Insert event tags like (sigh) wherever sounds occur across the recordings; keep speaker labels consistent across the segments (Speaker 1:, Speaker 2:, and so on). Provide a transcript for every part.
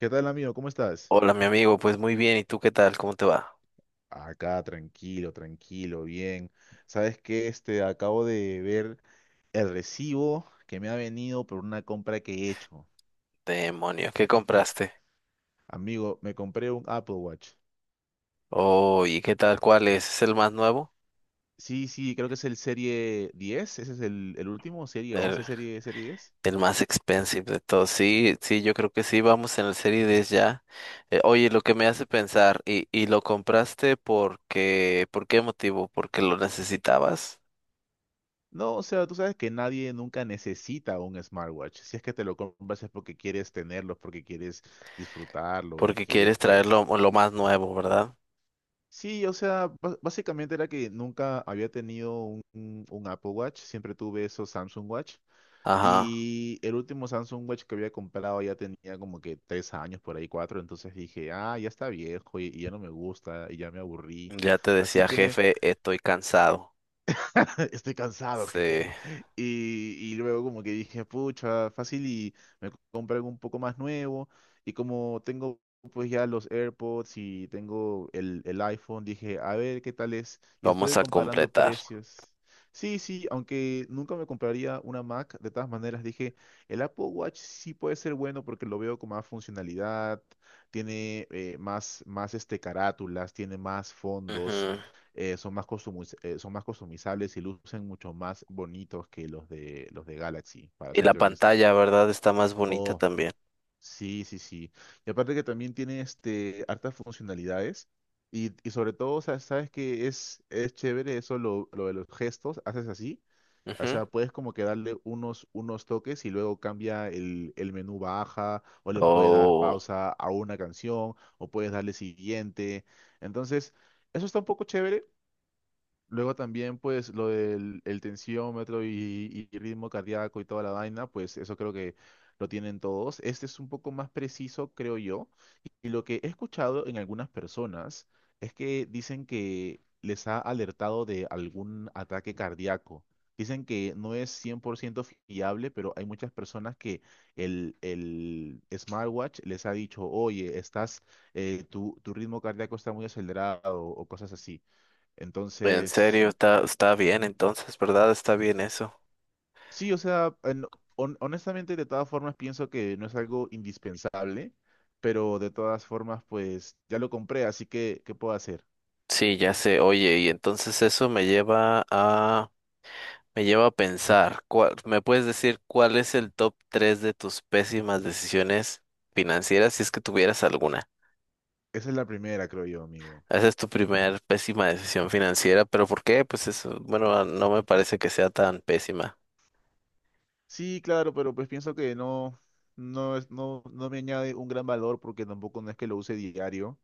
Speaker 1: ¿Qué tal, amigo? ¿Cómo estás?
Speaker 2: Hola, mi amigo, pues muy bien, ¿y tú qué tal? ¿Cómo te va?
Speaker 1: Acá, tranquilo, tranquilo, bien. ¿Sabes qué? Acabo de ver el recibo que me ha venido por una compra que he hecho.
Speaker 2: Demonio, ¿qué compraste?
Speaker 1: Amigo, me compré un Apple Watch.
Speaker 2: Oh, ¿y qué tal? ¿Cuál es? ¿Es el más nuevo?
Speaker 1: Sí, sí, creo que es el Serie 10. Ese es el último, Serie 11,
Speaker 2: El,
Speaker 1: Serie 10.
Speaker 2: el más expensive de todos. Sí, sí, yo creo que sí, vamos en el Serie 10 ya. Oye, lo que me
Speaker 1: Sí.
Speaker 2: hace pensar, ¿y lo compraste porque, por qué motivo? ¿Porque lo necesitabas?
Speaker 1: No, o sea, tú sabes que nadie nunca necesita un smartwatch. Si es que te lo compras es porque quieres tenerlo, porque quieres disfrutarlo y
Speaker 2: Porque
Speaker 1: quieres,
Speaker 2: quieres traerlo
Speaker 1: pues,
Speaker 2: lo más nuevo, ¿verdad?
Speaker 1: sí, o sea, básicamente era que nunca había tenido un Apple Watch, siempre tuve esos Samsung Watch.
Speaker 2: Ajá,
Speaker 1: Y el último Samsung Watch que había comprado ya tenía como que 3 años, por ahí cuatro, entonces dije, ah, ya está viejo y ya no me gusta y ya me aburrí.
Speaker 2: ya te
Speaker 1: Así
Speaker 2: decía,
Speaker 1: que
Speaker 2: jefe, estoy cansado.
Speaker 1: (laughs) estoy cansado,
Speaker 2: Sí,
Speaker 1: jefe. Y luego como que dije, pucha, fácil y me compré algo un poco más nuevo. Y como tengo pues ya los AirPods y tengo el iPhone, dije, a ver qué tal es. Y estuve
Speaker 2: vamos a
Speaker 1: comparando
Speaker 2: completar.
Speaker 1: precios. Sí, sí, aunque nunca me compraría una Mac, de todas maneras dije, el Apple Watch sí puede ser bueno porque lo veo con más funcionalidad, tiene más carátulas, tiene más fondos,
Speaker 2: Ujú.
Speaker 1: son más customizables y lucen mucho más bonitos que los de Galaxy, para
Speaker 2: Y la
Speaker 1: serte honesto.
Speaker 2: pantalla, ¿verdad? Está más bonita
Speaker 1: Oh,
Speaker 2: también.
Speaker 1: sí, sí, sí. Y aparte que también tiene este hartas funcionalidades. Y sobre todo, o sea, sabes que es chévere eso, lo de los gestos, haces así. O
Speaker 2: Ujú.
Speaker 1: sea, puedes como que darle unos toques y luego cambia el menú baja, o le puedes dar
Speaker 2: Oh,
Speaker 1: pausa a una canción, o puedes darle siguiente. Entonces, eso está un poco chévere. Luego también, pues, lo del el tensiómetro y ritmo cardíaco y toda la vaina, pues eso creo que lo tienen todos. Este es un poco más preciso, creo yo. Y lo que he escuchado en algunas personas es que dicen que les ha alertado de algún ataque cardíaco. Dicen que no es 100% fiable, pero hay muchas personas que el smartwatch les ha dicho, oye, estás, tu ritmo cardíaco está muy acelerado o cosas así.
Speaker 2: en
Speaker 1: Entonces,
Speaker 2: serio, está bien entonces, ¿verdad? Está bien eso.
Speaker 1: sí, o sea, honestamente de todas formas pienso que no es algo indispensable, pero de todas formas pues ya lo compré, así que ¿qué puedo hacer?
Speaker 2: Sí, ya sé. Oye, y entonces eso me lleva a pensar, ¿me puedes decir cuál es el top 3 de tus pésimas decisiones financieras si es que tuvieras alguna?
Speaker 1: Esa es la primera, creo yo, amigo.
Speaker 2: Esa es tu primer pésima decisión financiera, pero ¿por qué? Pues eso, bueno, no me parece que sea tan pésima.
Speaker 1: Sí, claro, pero pues pienso que no, no es, no, no me añade un gran valor porque tampoco no es que lo use diario,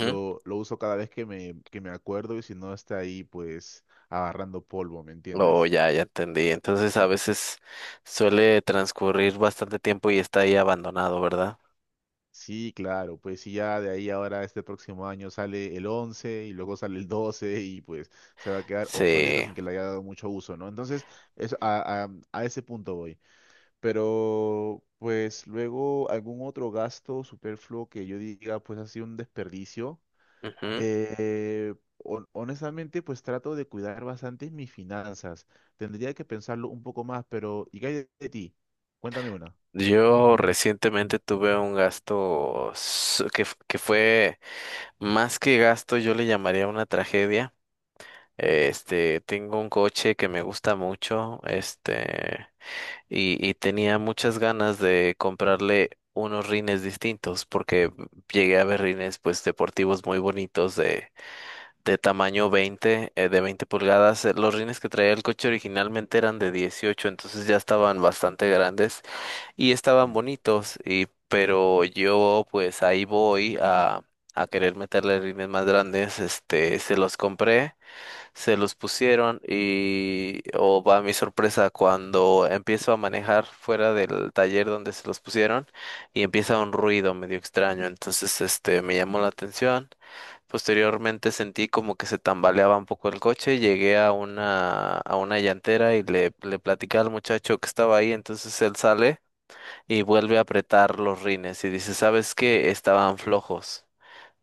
Speaker 1: lo uso cada vez que me acuerdo y si no está ahí pues agarrando polvo, ¿me
Speaker 2: Oh,
Speaker 1: entiendes?
Speaker 2: ya, ya entendí. Entonces a veces suele transcurrir bastante tiempo y está ahí abandonado, ¿verdad?
Speaker 1: Sí, claro, pues sí, ya de ahí ahora este próximo año sale el 11 y luego sale el 12 y pues se va a quedar obsoleto
Speaker 2: Sí.
Speaker 1: sin que le haya dado mucho uso, ¿no? Entonces, eso, a ese punto voy. Pero pues luego algún otro gasto superfluo que yo diga pues ha sido un desperdicio.
Speaker 2: Ujú.
Speaker 1: Honestamente pues trato de cuidar bastante mis finanzas. Tendría que pensarlo un poco más, pero ¿y qué hay de ti? Cuéntame una.
Speaker 2: Yo recientemente tuve un gasto que fue más que gasto, yo le llamaría una tragedia. Este, tengo un coche que me gusta mucho, este, y tenía muchas ganas de comprarle unos rines distintos porque llegué a ver rines pues deportivos muy bonitos de tamaño 20, de 20 pulgadas. Los rines que traía el coche originalmente eran de 18, entonces ya estaban bastante grandes y estaban bonitos. Y, pero yo pues ahí voy a querer meterle rines más grandes. Este, se los compré, se los pusieron y, oh, va mi sorpresa, cuando empiezo a manejar fuera del taller donde se los pusieron y empieza un ruido medio extraño. Entonces, este, me llamó la atención. Posteriormente sentí como que se tambaleaba un poco el coche, llegué a una llantera y le platicé al muchacho que estaba ahí, entonces él sale y vuelve a apretar los rines y dice, ¿sabes qué? Estaban flojos.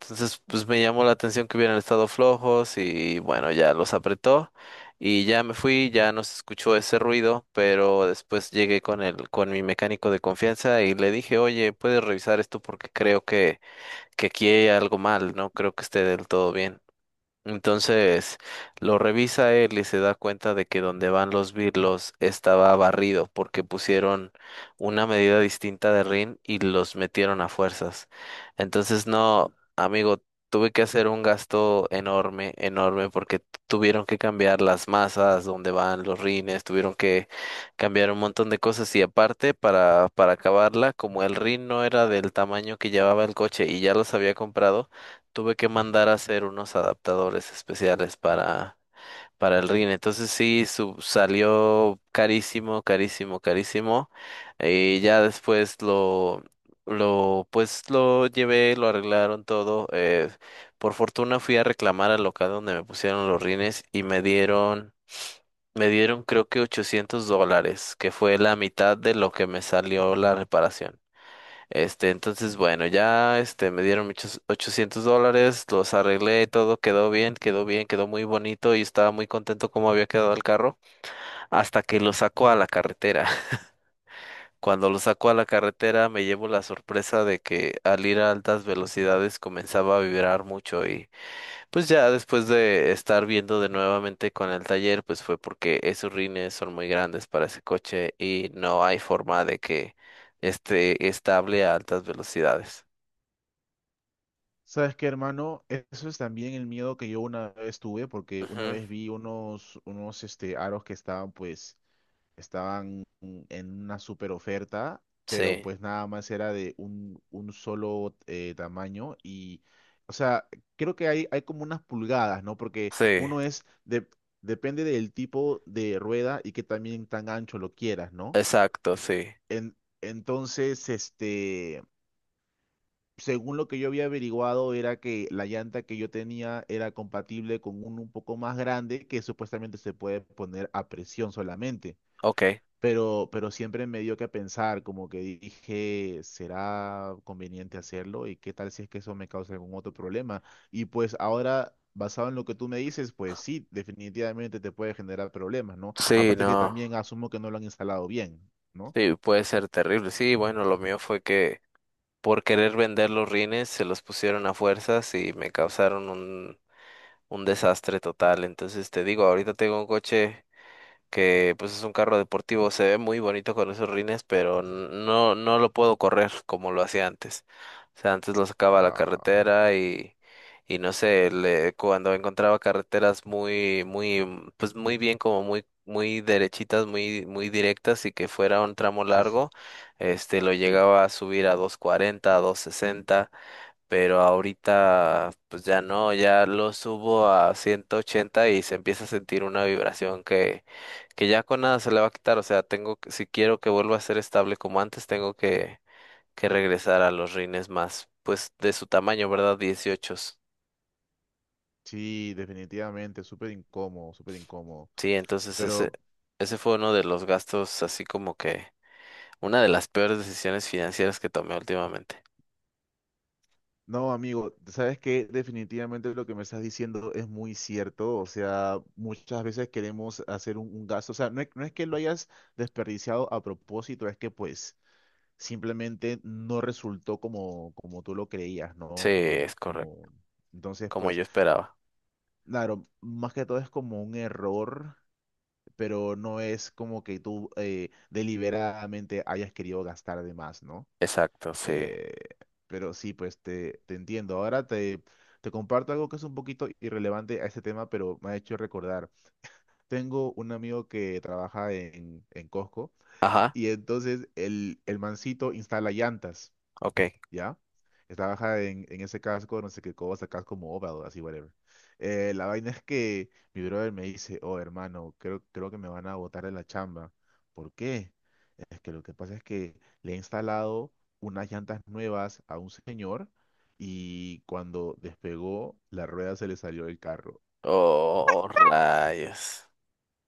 Speaker 2: Entonces, pues me llamó la atención que hubieran estado flojos y bueno, ya los apretó y ya me fui, ya no se escuchó ese ruido, pero después llegué con el, con mi mecánico de confianza y le dije, oye, ¿puedes revisar esto? Porque creo que aquí hay algo mal, no creo que esté del todo bien. Entonces lo revisa él y se da cuenta de que donde van los birlos estaba barrido porque pusieron una medida distinta de rin y los metieron a fuerzas. Entonces no, amigo, tuve que hacer un gasto enorme, enorme porque tuvieron que cambiar las masas donde van los rines, tuvieron que cambiar un montón de cosas y aparte para acabarla, como el rin no era del tamaño que llevaba el coche y ya los había comprado tuve que mandar a hacer unos adaptadores especiales para el RIN. Entonces sí, salió carísimo, carísimo, carísimo. Y ya después pues lo llevé, lo arreglaron todo. Por fortuna fui a reclamar al local donde me pusieron los rines y me dieron creo que $800, que fue la mitad de lo que me salió la reparación. Este, entonces, bueno, ya, este, me dieron muchos $800, los arreglé, todo quedó bien, quedó bien, quedó muy bonito y estaba muy contento como había quedado el carro, hasta que lo saco a la carretera. (laughs) Cuando lo saco a la carretera me llevo la sorpresa de que al ir a altas velocidades comenzaba a vibrar mucho y pues ya después de estar viendo de nuevamente con el taller, pues fue porque esos rines son muy grandes para ese coche y no hay forma de que esté estable a altas velocidades.
Speaker 1: ¿Sabes qué, hermano? Eso es también el miedo que yo una vez tuve, porque una
Speaker 2: Ujú,
Speaker 1: vez vi unos, unos aros que estaban, pues, estaban en una super oferta, pero
Speaker 2: sí,
Speaker 1: pues nada más era de un solo, tamaño y, o sea, creo que hay como unas pulgadas, ¿no? Porque
Speaker 2: sí,
Speaker 1: uno es, de, depende del tipo de rueda y que también tan ancho lo quieras, ¿no?
Speaker 2: exacto, sí.
Speaker 1: En, entonces, según lo que yo había averiguado, era que la llanta que yo tenía era compatible con uno un poco más grande que supuestamente se puede poner a presión solamente.
Speaker 2: Ok.
Speaker 1: Pero siempre me dio que pensar, como que dije, ¿será conveniente hacerlo? ¿Y qué tal si es que eso me causa algún otro problema? Y pues ahora, basado en lo que tú me dices, pues sí, definitivamente te puede generar problemas, ¿no?
Speaker 2: Sí,
Speaker 1: Aparte que
Speaker 2: no.
Speaker 1: también asumo que no lo han instalado bien, ¿no?
Speaker 2: Sí, puede ser terrible. Sí, bueno, lo mío fue que por querer vender los rines se los pusieron a fuerzas y me causaron un desastre total. Entonces te digo, ahorita tengo un coche que pues es un carro deportivo, se ve muy bonito con esos rines, pero no, no lo puedo correr como lo hacía antes. O sea, antes lo sacaba a la
Speaker 1: Ah,
Speaker 2: carretera y no sé, cuando encontraba carreteras muy, muy, pues muy bien, como muy, muy derechitas, muy, muy directas y que fuera un tramo
Speaker 1: sí, sí,
Speaker 2: largo, este, lo
Speaker 1: sí.
Speaker 2: llegaba a subir a 240, a 260 pero ahorita pues ya no, ya lo subo a 180 y se empieza a sentir una vibración que ya con nada se le va a quitar, o sea, tengo que, si quiero que vuelva a ser estable como antes, tengo que regresar a los rines más, pues de su tamaño, ¿verdad? 18.
Speaker 1: Sí, definitivamente, súper incómodo, súper incómodo.
Speaker 2: Sí, entonces ese,
Speaker 1: Pero
Speaker 2: ese fue uno de los gastos, así como que una de las peores decisiones financieras que tomé últimamente.
Speaker 1: no, amigo, ¿sabes qué? Definitivamente lo que me estás diciendo es muy cierto. O sea, muchas veces queremos hacer un gasto. O sea, no es, que lo hayas desperdiciado a propósito, es que pues simplemente no resultó como tú lo creías,
Speaker 2: Sí,
Speaker 1: ¿no? Como,
Speaker 2: es
Speaker 1: como...
Speaker 2: correcto,
Speaker 1: Entonces,
Speaker 2: como yo
Speaker 1: pues,
Speaker 2: esperaba.
Speaker 1: claro, más que todo es como un error, pero no es como que tú, deliberadamente hayas querido gastar de más, ¿no?
Speaker 2: Exacto, sí.
Speaker 1: Eh, pero sí, pues te, entiendo. Ahora te comparto algo que es un poquito irrelevante a este tema, pero me ha hecho recordar. Tengo un amigo que trabaja en, Costco
Speaker 2: Ajá,
Speaker 1: y entonces el mancito instala llantas.
Speaker 2: ok.
Speaker 1: ¿Ya? Estaba en ese casco, no sé qué cosa, casco mobile, así, whatever. La vaina es que mi brother me dice, oh, hermano, creo que me van a botar de la chamba. ¿Por qué? Es que lo que pasa es que le he instalado unas llantas nuevas a un señor y cuando despegó, la rueda se le salió del carro.
Speaker 2: Oh, rayos.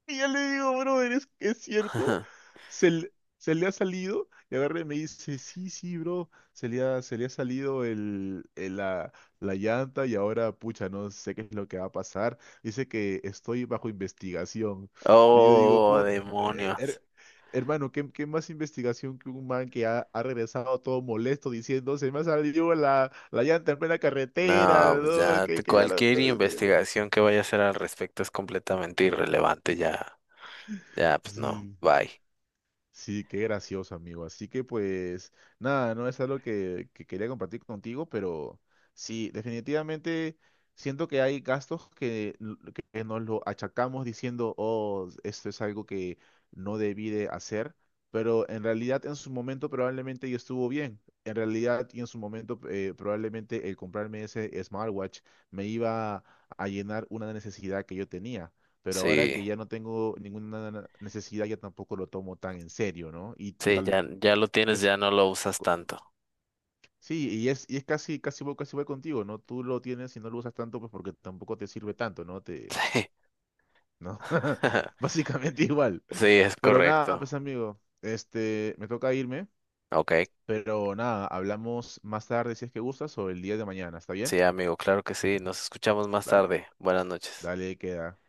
Speaker 1: Y yo le digo, brother, es cierto.
Speaker 2: (laughs)
Speaker 1: Se, le- Se le ha salido. Y agarra y me dice, sí, sí, bro. Se le ha salido la llanta y ahora, pucha, no sé qué es lo que va a pasar. Dice que estoy bajo investigación. Y yo digo,
Speaker 2: Oh,
Speaker 1: Eh,
Speaker 2: demonios.
Speaker 1: her- Hermano, ¿qué, más investigación que un man que ha regresado todo molesto diciendo, se me ha salido la llanta en plena carretera,
Speaker 2: No, pues
Speaker 1: ¿no?
Speaker 2: ya
Speaker 1: que que ya la...
Speaker 2: cualquier
Speaker 1: (laughs)
Speaker 2: investigación que vaya a hacer al respecto es completamente irrelevante, ya, ya, pues no,
Speaker 1: Sí.
Speaker 2: bye.
Speaker 1: Sí, qué gracioso, amigo. Así que pues nada, no es algo que quería compartir contigo, pero sí, definitivamente siento que hay gastos que, que nos lo achacamos diciendo, oh, esto es algo que no debí de hacer, pero en realidad en su momento probablemente yo estuvo bien. En realidad y en su momento, probablemente el comprarme ese smartwatch me iba a llenar una necesidad que yo tenía, pero ahora
Speaker 2: Sí,
Speaker 1: que ya no tengo ninguna necesidad, ya tampoco lo tomo tan en serio, ¿no? Y
Speaker 2: sí,
Speaker 1: tal
Speaker 2: ya, ya lo tienes,
Speaker 1: vez,
Speaker 2: ya no lo usas
Speaker 1: co-
Speaker 2: tanto.
Speaker 1: sí, y es, casi, casi voy contigo, ¿no? Tú lo tienes y no lo usas tanto, pues porque tampoco te sirve tanto, ¿no? Te,
Speaker 2: (laughs) Sí,
Speaker 1: ¿no? (laughs)
Speaker 2: (laughs)
Speaker 1: Básicamente igual.
Speaker 2: sí, es
Speaker 1: Pero nada,
Speaker 2: correcto.
Speaker 1: pues amigo, me toca irme,
Speaker 2: Ok,
Speaker 1: pero nada, hablamos más tarde si es que gustas o el día de mañana, ¿está bien?
Speaker 2: sí, amigo, claro que sí. Nos escuchamos más
Speaker 1: Dale,
Speaker 2: tarde. Buenas noches.
Speaker 1: dale, queda.